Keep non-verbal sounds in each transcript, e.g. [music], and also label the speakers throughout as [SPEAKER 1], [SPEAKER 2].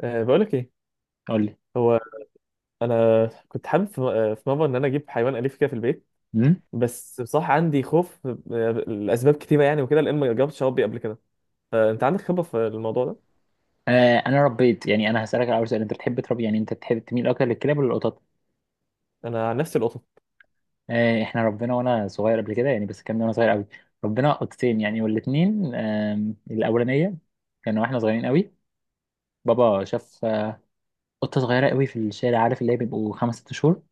[SPEAKER 1] أه، بقول لك ايه،
[SPEAKER 2] قول لي.
[SPEAKER 1] هو انا كنت حابب في في مره ان انا اجيب حيوان اليف كده في البيت.
[SPEAKER 2] امم
[SPEAKER 1] بس بصراحه عندي خوف لاسباب كتيره يعني وكده، لان ما جربتش اربي قبل كده. فانت عندك خبره في الموضوع ده؟
[SPEAKER 2] انا ربيت، يعني انا هسالك الاول سؤال، انت بتحب تربي، يعني انت بتحب تميل اكتر للكلاب ولا القطط؟
[SPEAKER 1] انا عن نفسي القطط.
[SPEAKER 2] احنا ربنا وانا صغير قبل كده يعني، بس كان وانا صغير قوي. ربنا قطتين يعني، والاثنين الاولانيه كانوا واحنا صغيرين قوي. بابا شاف قطه صغيره قوي في الشارع، عارف اللي هي بيبقوا خمس ست شهور.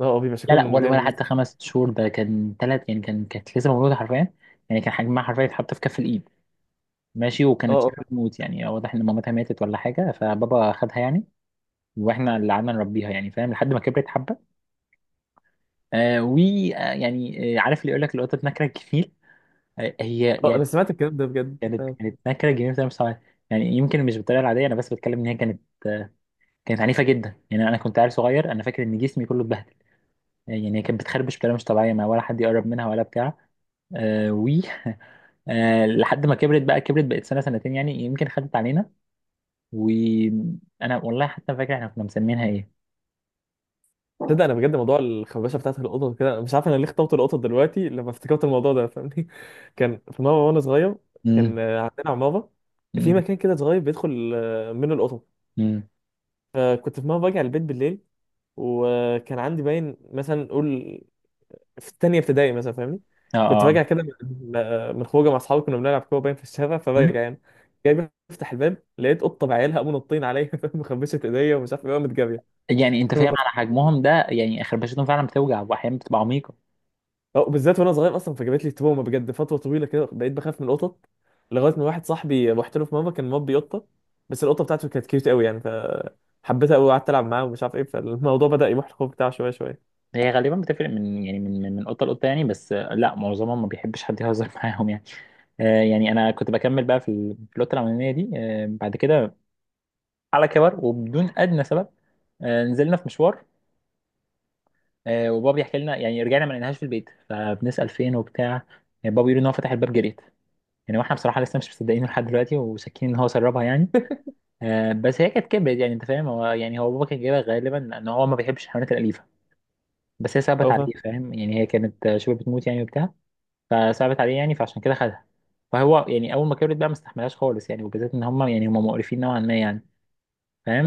[SPEAKER 1] اه، بيبقى
[SPEAKER 2] لا، لا،
[SPEAKER 1] شكلهم
[SPEAKER 2] ولا
[SPEAKER 1] جامد.
[SPEAKER 2] حتى خمس ست شهور، ده كان ثلاث يعني، كانت لسه مولوده حرفيا. يعني كان حجمها حرفيا يتحط في كف الايد. ماشي، وكانت
[SPEAKER 1] اه،
[SPEAKER 2] شبه
[SPEAKER 1] اه،
[SPEAKER 2] بتموت، يعني واضح ان مامتها ماتت ولا حاجه، فبابا خدها يعني. واحنا اللي قعدنا نربيها يعني، فاهم، لحد ما كبرت حبه. آه ويعني آه يعني، آه، عارف اللي يقول لك القطه نكره الجميل. هي
[SPEAKER 1] اه،
[SPEAKER 2] يعني
[SPEAKER 1] انا سمعت الكلام ده بجد،
[SPEAKER 2] كانت
[SPEAKER 1] فاهم.
[SPEAKER 2] كانت نكره جميل بطريقه مش طبيعية. يعني يمكن مش بالطريقه العاديه، انا بس بتكلم ان هي كانت آه كانت عنيفه جدا، يعني انا كنت عيل صغير، انا فاكر ان جسمي كله اتبهدل. يعني هي كانت بتخربش بطريقه مش طبيعيه، ما ولا حد يقرب منها ولا بتاع. آه و [laughs] لحد ما كبرت بقت سنه سنتين يعني، يمكن خدت علينا. وانا والله حتى فاكر احنا كنا مسمينها ايه.
[SPEAKER 1] تصدق، انا بجد موضوع الخربشه بتاعت القطط كده، أنا مش عارف انا ليه اخترت القطط دلوقتي لما افتكرت الموضوع ده، فاهمني؟ [laughs] كان في مره وانا صغير،
[SPEAKER 2] امم
[SPEAKER 1] كان عندنا عماره في مكان كده صغير، بيدخل منه القطط.
[SPEAKER 2] امم
[SPEAKER 1] فكنت في مره راجع البيت بالليل، وكان عندي باين مثلا نقول في التانية ابتدائي مثلا، فاهمني.
[SPEAKER 2] اه،
[SPEAKER 1] كنت راجع
[SPEAKER 2] اه،
[SPEAKER 1] كده من خروجه مع اصحابي، كنا بنلعب كوره باين في الشارع، فراجع يعني، جاي بفتح الباب، لقيت قطه بعيالها، قاموا نطين عليا، [laughs] فاهم، مخبشه ايديا ومش عارف ايه، قامت جاريه.
[SPEAKER 2] يعني انت فاهم على حجمهم ده، يعني خربشتهم فعلا بتوجع واحيانا بتبقى عميقه.
[SPEAKER 1] أو بالذات وانا صغير اصلا، فجابت لي تروما بجد فتره طويله كده، بقيت بخاف من القطط. لغايه ما واحد صاحبي رحت له في مره، كان مربي قطه، بس القطه بتاعته كانت كيوت قوي يعني، فحبيتها قوي وقعدت العب معاه ومش عارف ايه، فالموضوع بدا يروح الخوف بتاعه شويه شويه.
[SPEAKER 2] هي غالبا بتفرق من يعني من قطه لقطه يعني، بس لا، معظمهم ما بيحبش حد يهزر [laughs] معاهم يعني. يعني انا كنت بكمل بقى في القطه الاولانيه دي، بعد كده على كبر وبدون ادنى سبب، نزلنا في مشوار، وبابا بيحكي لنا، يعني رجعنا ما لقيناهاش في البيت، فبنسال فين وبتاع. بابا بيقول ان هو فتح الباب جريت، يعني واحنا بصراحه لسه مش مصدقينه لحد دلوقتي، وشاكين ان هو سربها يعني. بس هي كانت كبرت، يعني انت فاهم، هو بابا كان جايبها غالبا، ان هو ما بيحبش الحيوانات الاليفه. بس هي صعبت
[SPEAKER 1] او
[SPEAKER 2] عليه،
[SPEAKER 1] فاهم.
[SPEAKER 2] فاهم، يعني هي كانت شبه بتموت يعني وبتاع. فصعبت عليه يعني، فعشان كده خدها. فهو يعني اول ما كبرت بقى ما استحملهاش خالص يعني، وبالذات ان هم مقرفين نوعا ما يعني،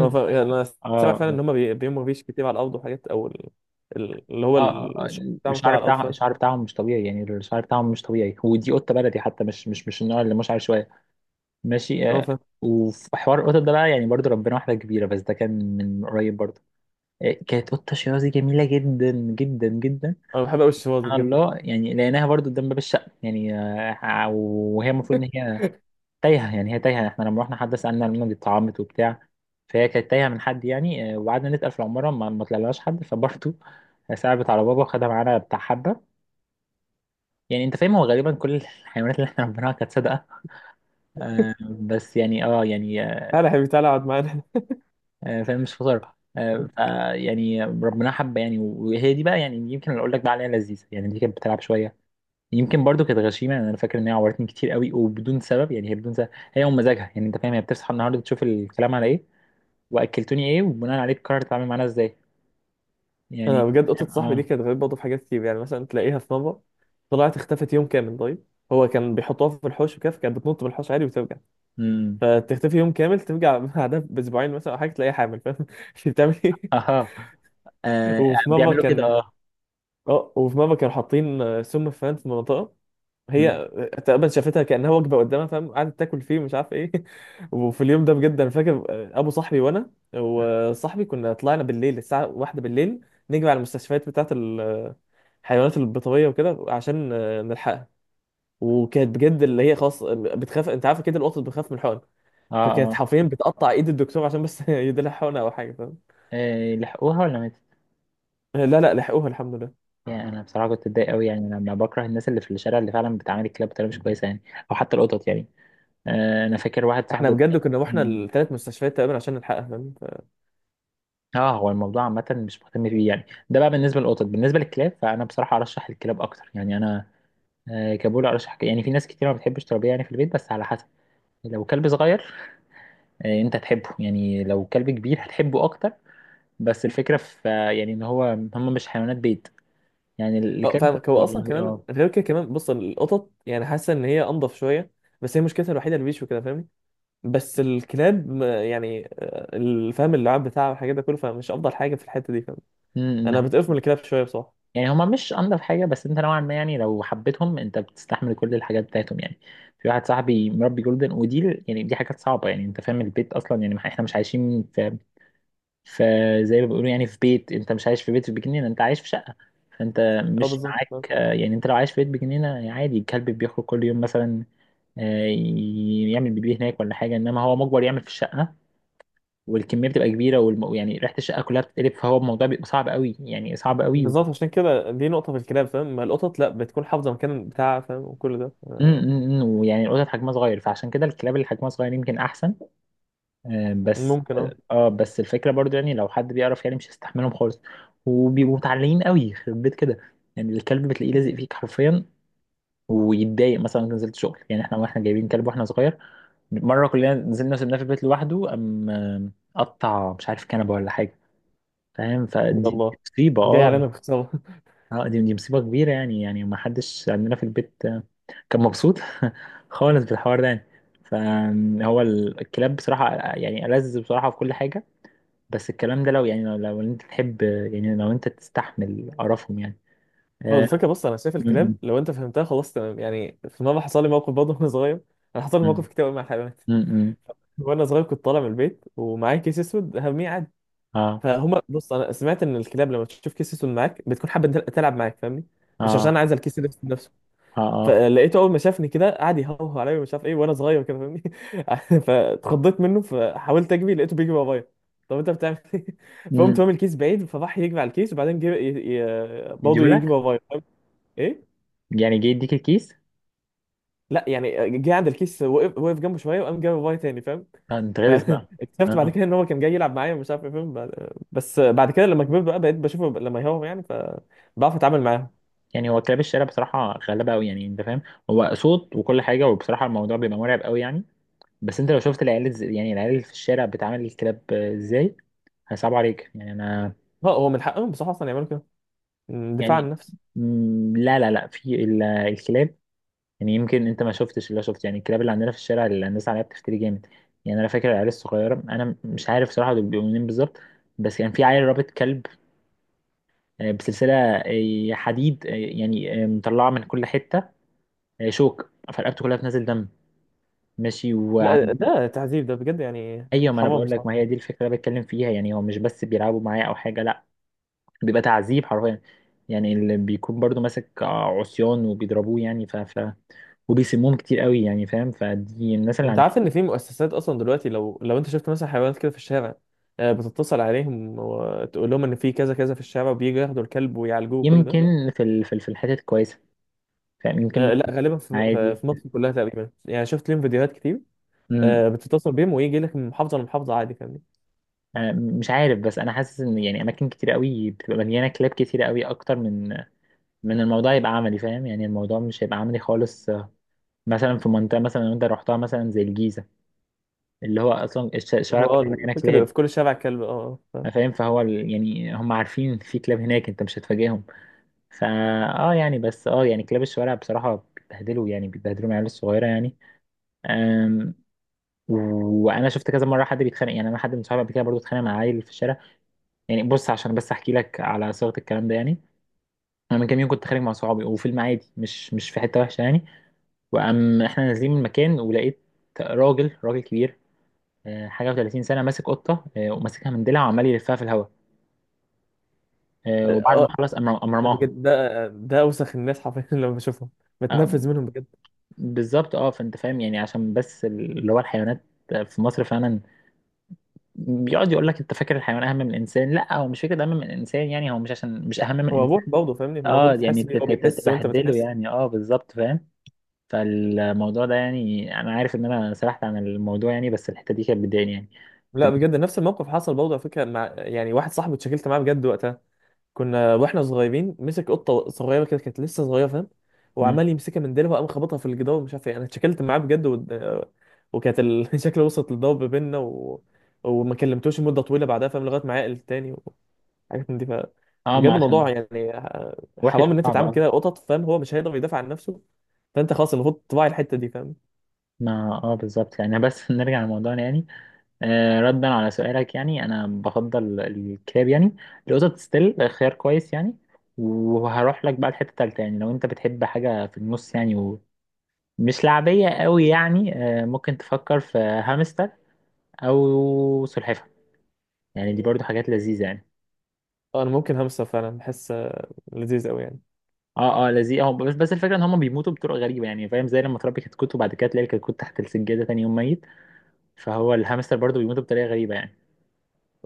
[SPEAKER 1] هو يعني انا سامع
[SPEAKER 2] اه،
[SPEAKER 1] فعلا
[SPEAKER 2] اه،
[SPEAKER 1] ان هم بيموا فيش كتير على الارض وحاجات، اللي هو
[SPEAKER 2] اه،
[SPEAKER 1] الشغل بتاعهم كده
[SPEAKER 2] الشعر
[SPEAKER 1] على الارض،
[SPEAKER 2] بتاعهم
[SPEAKER 1] فاهم.
[SPEAKER 2] الشعر بتاعهم مش طبيعي، يعني الشعر بتاعهم مش طبيعي. ودي قطه بلدي حتى، مش النوع اللي مش عارف شويه. ماشي.
[SPEAKER 1] اللي هو فاهم.
[SPEAKER 2] وفي حوار القطط ده بقى يعني، برضو ربنا واحده كبيره، بس ده كان من قريب برضو. كانت قطة شيرازي جميلة جدا جدا جدا.
[SPEAKER 1] انا بحب قوي الشواذ
[SPEAKER 2] سبحان
[SPEAKER 1] بجد.
[SPEAKER 2] الله، يعني لقيناها برضو قدام باب الشقة يعني، وهي المفروض إن هي تايهة، يعني هي تايهة، احنا لما رحنا حد سألنا منها، دي اتطعمت وبتاع. فهي كانت تايهة من حد يعني، وقعدنا نسأل في العمارة، ما طلعلهاش حد، فبرضو [laughs] صعبت على بابا وخدها معانا بتاع حبة. يعني انت فاهم، هو غالبا كل الحيوانات اللي احنا ربيناها كانت صادقة. آه، بس يعني اه يعني آه،
[SPEAKER 1] تعالى يا حبيبي، تعالى اقعد معانا.
[SPEAKER 2] آه، فاهم مش فطار.
[SPEAKER 1] [laughs]
[SPEAKER 2] يعني ربنا حب يعني، وهي دي بقى يعني، يمكن اللي اقول لك بقى عليها لذيذه يعني، دي كانت بتلعب شويه. يمكن برضو كانت غشيمه يعني، انا فاكر ان هي عورتني كتير قوي وبدون سبب، يعني هي بدون سبب، هي ومزاجها، يعني انت فاهم، هي بتصحى النهارده تشوف الكلام على ايه، واكلتوني ايه، وبناء عليه تقرر تتعامل معانا ازاي
[SPEAKER 1] انا
[SPEAKER 2] يعني.
[SPEAKER 1] بجد، قطه صاحبي دي
[SPEAKER 2] اه،
[SPEAKER 1] كانت غريبه برضه في حاجات كتير يعني، مثلا تلاقيها في مره طلعت اختفت يوم كامل. طيب، هو كان بيحطوها في الحوش وكده، كانت بتنط بالحوش عادي وترجع.
[SPEAKER 2] امم
[SPEAKER 1] فتختفي يوم كامل ترجع [laughs] بعدها باسبوعين مثلا او حاجه، تلاقيها حامل، فاهم، [laughs] مش بتعمل ايه.
[SPEAKER 2] اها، آه.
[SPEAKER 1] وفي مره
[SPEAKER 2] بيعملوا كده،
[SPEAKER 1] كان
[SPEAKER 2] اه.
[SPEAKER 1] اه وفي ماما كانوا حاطين سم فان في منطقه، هي
[SPEAKER 2] مم.
[SPEAKER 1] تقريبا شافتها كانها وجبه قدامها، فاهم، قعدت تاكل فيه مش عارف ايه. [laughs] وفي اليوم ده بجد انا فاكر، ابو صاحبي وانا وصاحبي كنا طلعنا بالليل الساعه واحدة بالليل، نجري على المستشفيات بتاعه الحيوانات البيطريه وكده عشان نلحقها. وكانت بجد اللي هي خلاص بتخاف، انت عارف كده القطط بتخاف من الحقن.
[SPEAKER 2] اه،
[SPEAKER 1] فكانت
[SPEAKER 2] اه،
[SPEAKER 1] حرفيا بتقطع ايد الدكتور عشان بس [laughs] يديلها حقنه او حاجه، فاهم.
[SPEAKER 2] لحقوها ولا ماتت؟
[SPEAKER 1] لا، لا، لحقوها الحمد لله.
[SPEAKER 2] يعني انا بصراحه كنت اتضايق قوي يعني، لما بكره الناس اللي في الشارع اللي فعلا بتعامل الكلاب بطريقه مش كويسه يعني، او حتى القطط يعني. انا فاكر واحد
[SPEAKER 1] احنا
[SPEAKER 2] صاحبي.
[SPEAKER 1] بجد كنا رحنا
[SPEAKER 2] مم.
[SPEAKER 1] الثلاث مستشفيات تقريبا عشان نلحقها، فاهم.
[SPEAKER 2] اه، هو الموضوع عامة مش مهتم بيه يعني. ده بقى بالنسبة للقطط. بالنسبة للكلاب، فأنا بصراحة أرشح الكلاب أكتر، يعني أنا كبول أرشح يعني، في ناس كتير ما بتحبش تربيه يعني في البيت، بس على حسب. لو كلب صغير أنت تحبه، يعني لو كلب كبير هتحبه أكتر. بس الفكرة في يعني إن هم مش حيوانات بيت، يعني
[SPEAKER 1] اه
[SPEAKER 2] الكلب
[SPEAKER 1] فاهمك، هو اصلا
[SPEAKER 2] والله،
[SPEAKER 1] كمان
[SPEAKER 2] اه.
[SPEAKER 1] غير كده كمان بص، القطط يعني حاسه ان هي انضف شويه، بس هي مشكلتها الوحيده البيش وكده، فاهمني. بس الكلاب يعني الفهم، اللعاب بتاعها والحاجات ده كله، فمش افضل حاجه في الحته دي، فاهم.
[SPEAKER 2] أمم، إن-
[SPEAKER 1] انا بتقف من الكلاب شويه بصراحه.
[SPEAKER 2] يعني هما مش أنضف حاجة، بس أنت نوعا ما يعني، لو حبيتهم أنت بتستحمل كل الحاجات بتاعتهم يعني. في واحد صاحبي مربي جولدن، ودي يعني دي حاجات صعبة، يعني انت فاهم، البيت اصلا يعني احنا مش عايشين في، فزي ما بيقولوا يعني، في بيت، انت مش عايش في بيت في بجنينه، انت عايش في شقه. فانت
[SPEAKER 1] اه
[SPEAKER 2] مش
[SPEAKER 1] بالظبط فاهم.
[SPEAKER 2] معاك يعني انت لو عايش في بيت بجنينه عادي، الكلب بيخرج كل يوم مثلا، يعمل بيبي هناك ولا حاجه، انما هو مجبر يعمل في الشقه. والكميه بتبقى كبيره، يعني ريحه الشقه كلها بتتقلب، فهو الموضوع بيبقى صعب قوي، يعني صعب قوي.
[SPEAKER 1] بالظبط عشان كده دي نقطه في الكلاب، فاهم، ما القطط لا بتكون حافظه مكان بتاعها، فاهم، وكل ده
[SPEAKER 2] م- م- م، ويعني القطط حجمها صغير، فعشان كده الكلاب اللي حجمها صغير يمكن احسن. آه، بس
[SPEAKER 1] ممكن، اه.
[SPEAKER 2] اه آه، بس الفكره برضو يعني، لو حد بيعرف يعني مش هيستحملهم خالص. وبيبقوا متعلقين قوي يخرب بيت كده، يعني الكلب بتلاقيه لازق فيك حرفيا، ويتضايق مثلا لو نزلت شغل يعني. احنا جايبين كلب واحنا صغير، مره كلنا نزلنا سيبناه في البيت لوحده، قام قطع مش عارف كنبه ولا حاجه، فاهم، فدي
[SPEAKER 1] يلا،
[SPEAKER 2] مصيبه،
[SPEAKER 1] جاي
[SPEAKER 2] اه.
[SPEAKER 1] علينا بخساره.
[SPEAKER 2] اه، دي مصيبه كبيره، يعني ما حدش عندنا في البيت كان مبسوط [laughs] خالص بالحوار ده يعني. فهو الكلاب بصراحه يعني ألذ بصراحه في كل حاجه. بس الكلام ده لو يعني، لو انت تحب، يعني لو انت تستحمل قرفهم يعني،
[SPEAKER 1] هو
[SPEAKER 2] اه.
[SPEAKER 1] الفكره بص، انا شايف
[SPEAKER 2] م- م-
[SPEAKER 1] الكلاب لو انت فهمتها خلاص تمام، يعني في مره حصل لي موقف برضه وانا صغير. انا حصل لي
[SPEAKER 2] م-
[SPEAKER 1] مواقف كتير قوي مع الحيوانات.
[SPEAKER 2] م- م.
[SPEAKER 1] وانا صغير كنت طالع من البيت ومعايا كيس اسود هرميه عادي.
[SPEAKER 2] اه،
[SPEAKER 1] فهما بص، انا سمعت ان الكلاب لما تشوف كيس اسود معاك بتكون حابه تلعب معاك، فاهمني، مش عشان
[SPEAKER 2] اه،
[SPEAKER 1] عايز الكيس الاسود نفسه.
[SPEAKER 2] اه، اه.
[SPEAKER 1] فلقيته اول ما شافني كده قعد يهوه عليا ومش عارف ايه، وانا صغير كده، فاهمني. [laughs] فاتخضيت منه، فحاولت اجري لقيته بيجري ورايا. طب انت بتعمل ايه؟ [laughs] فقمت
[SPEAKER 2] م.
[SPEAKER 1] رامي الكيس بعيد، فراح يجري على الكيس وبعدين جه برضه يجري
[SPEAKER 2] يديهولك؟
[SPEAKER 1] ورايا، فاهم؟ ايه.
[SPEAKER 2] يعني جه يديك الكيس؟
[SPEAKER 1] لا، يعني جه عند الكيس، وقف، وقف جنبه شويه وقام جري ورايا تاني، فاهم.
[SPEAKER 2] انت غلس بقى.
[SPEAKER 1] فاكتشفت [laughs] بعد
[SPEAKER 2] اه.
[SPEAKER 1] كده ان هو كان جاي يلعب معايا ومش عارف ايه، فاهم، بس بعد كده لما كبرت بقى بقيت بشوفه لما يهاهم يعني، فبعرف اتعامل معاهم.
[SPEAKER 2] يعني هو كلاب الشارع بصراحة غلابة قوي يعني، انت فاهم، هو صوت وكل حاجة، وبصراحة الموضوع بيبقى مرعب قوي يعني. بس انت لو شفت يعني العيال اللي في الشارع بتعامل الكلاب ازاي، هصعب عليك، يعني انا.
[SPEAKER 1] اه هو من حقهم بصراحه اصلا يعملوا كده، دفاع عن
[SPEAKER 2] يعني،
[SPEAKER 1] النفس.
[SPEAKER 2] لا، لا، لا، في الكلاب يعني، يمكن انت ما شفتش اللي أنا شفته، يعني الكلاب اللي عندنا في الشارع اللي الناس عليها بتفتري جامد. يعني انا فاكر العيال الصغيره، انا مش عارف صراحه دول بيبقوا منين بالظبط، بس كان يعني في عيل رابط كلب بسلسله حديد، مطلعه من كل حته شوك فرقبته كلها بتنزل دم. ماشي،
[SPEAKER 1] لا،
[SPEAKER 2] وعند
[SPEAKER 1] ده تعذيب، ده بجد يعني
[SPEAKER 2] [laughs] ايوه، ما انا
[SPEAKER 1] حرام
[SPEAKER 2] بقول لك، ما هي
[SPEAKER 1] بصراحه.
[SPEAKER 2] دي الفكره اللي بتكلم فيها يعني، هو مش بس بيلعبوا معايا او حاجه، لا، بيبقى تعذيب حرفيا. يعني اللي بيكون برضو ماسك عصيان وبيضربوه يعني، وبيسموهم كتير قوي يعني، فاهم، فدي الناس اللي
[SPEAKER 1] انت عارف ان في مؤسسات اصلا دلوقتي، لو انت شفت مثلا حيوانات كده في الشارع، بتتصل عليهم وتقول لهم ان في كذا كذا في الشارع، وبييجوا ياخدوا الكلب ويعالجوه وكل ده.
[SPEAKER 2] يمكن في الحتت الكويسه، فاهم، يمكن
[SPEAKER 1] لا،
[SPEAKER 2] مثلا
[SPEAKER 1] غالبا
[SPEAKER 2] عادي.
[SPEAKER 1] في مصر كلها تقريبا يعني، شفت لهم فيديوهات كتير.
[SPEAKER 2] مم.
[SPEAKER 1] بتتصل بيهم ويجي لك من محافظه لمحافظه عادي، فاهم.
[SPEAKER 2] مش عارف، بس انا حاسس ان يعني اماكن كتير قوي بتبقى مليانه كلاب كتير قوي، اكتر من الموضوع يبقى عملي، فاهم، يعني الموضوع مش هيبقى عملي خالص. مثلا في منطقه مثلا لو انت رحتها مثلا زي الجيزه، اللي هو اصلا الشوارع
[SPEAKER 1] هو، اه،
[SPEAKER 2] كلها مليانه
[SPEAKER 1] الفكرة
[SPEAKER 2] كلاب،
[SPEAKER 1] في كل شارع كلب، اه،
[SPEAKER 2] فاهم، فهو يعني هم عارفين في كلاب هناك، انت مش هتفاجئهم. فا اه، يعني بس اه يعني كلاب الشوارع بصراحه بيتبهدلوا، يعني بيتبهدلوا العيال الصغيره يعني. آمم، وانا شفت كذا مره حد بيتخانق، يعني انا حد من صحابي قبل كده برضه اتخانق مع عيل في الشارع. يعني بص، عشان بس احكي لك على صيغه الكلام ده يعني، انا من كام يوم كنت خارج مع صحابي وفي المعادي، مش في حته وحشه يعني. وقام احنا نازلين من المكان ولقيت راجل، راجل كبير حاجه و30 سنه ماسك قطه، وماسكها من ديلها، وعمال يلفها في الهواء. وبعد ما
[SPEAKER 1] اه.
[SPEAKER 2] خلص، قام
[SPEAKER 1] ده
[SPEAKER 2] رماها.
[SPEAKER 1] بجد، ده اوسخ الناس حرفيا، [laughs] لما بشوفهم
[SPEAKER 2] آه،
[SPEAKER 1] بتنفذ منهم بجد.
[SPEAKER 2] بالظبط، اه، فانت فاهم يعني، عشان بس اللي هو الحيوانات في مصر فعلا، بيقعد يقول لك انت فاكر الحيوان اهم من الانسان، لا هو مش فكره اهم من الانسان يعني، هو مش عشان مش اهم من
[SPEAKER 1] هو
[SPEAKER 2] الانسان،
[SPEAKER 1] ابوك برضه، فاهمني،
[SPEAKER 2] اه
[SPEAKER 1] المفروض
[SPEAKER 2] يعني
[SPEAKER 1] تحس بيه، هو بيحس وانت
[SPEAKER 2] تبهدله
[SPEAKER 1] بتحس.
[SPEAKER 2] يعني، اه بالظبط، فاهم. فالموضوع ده يعني انا عارف ان انا سرحت عن الموضوع يعني، بس الحته دي كانت بتضايقني يعني،
[SPEAKER 1] لا
[SPEAKER 2] بت-
[SPEAKER 1] بجد، نفس الموقف حصل برضه على فكرة، مع يعني واحد صاحبي، اتشكلت معاه بجد وقتها. كنا واحنا صغيرين، مسك قطة صغيرة كده، كانت لسه صغيرة، فاهم.
[SPEAKER 2] مم.
[SPEAKER 1] وعمال يمسكها من ديلها وقام خبطها في الجدار ومش عارف ايه، انا اتشكلت معاه بجد وكانت [laughs] شكله وصلت للضرب بينا وما كلمتوش مدة طويلة بعدها، فاهم، لغاية ما عقل تاني. حاجات من دي،
[SPEAKER 2] اه،
[SPEAKER 1] بجد
[SPEAKER 2] ما
[SPEAKER 1] الموضوع
[SPEAKER 2] عشان
[SPEAKER 1] يعني
[SPEAKER 2] وحش
[SPEAKER 1] حرام ان انت
[SPEAKER 2] وصعب،
[SPEAKER 1] تتعامل
[SPEAKER 2] اه.
[SPEAKER 1] كده قطط، فاهم، هو مش هيقدر يدافع عن نفسه. فانت خلاص، المفروض تراعي الحته دي، فاهم.
[SPEAKER 2] ما اه بالظبط يعني، بس [laughs] نرجع لموضوعنا يعني. ردا على سؤالك، يعني انا بفضل الكلاب يعني، القطط ستيل خيار كويس يعني، وهروح لك بقى الحته التالته يعني، لو انت بتحب حاجه في النص يعني، ومش لعبيه قوي يعني، ممكن تفكر في هامستر او سلحفاه، يعني دي برضو حاجات لذيذة يعني.
[SPEAKER 1] انا ممكن همسه فعلا، بحس لذيذ قوي يعني.
[SPEAKER 2] اه، اه، لذيذ، اه، بس الفكرة ان هم بيموتوا بطرق غريبة يعني، فاهم، زي لما تربي كتكوت وبعد كده تلاقي الكتكوت تحت السجادة تاني يوم ميت، فهو الهامستر برضو بيموتوا بطريقة غريبة يعني.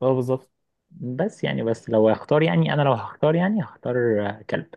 [SPEAKER 1] اه بالظبط.
[SPEAKER 2] بس لو هختار يعني، انا لو هختار يعني، هختار كلب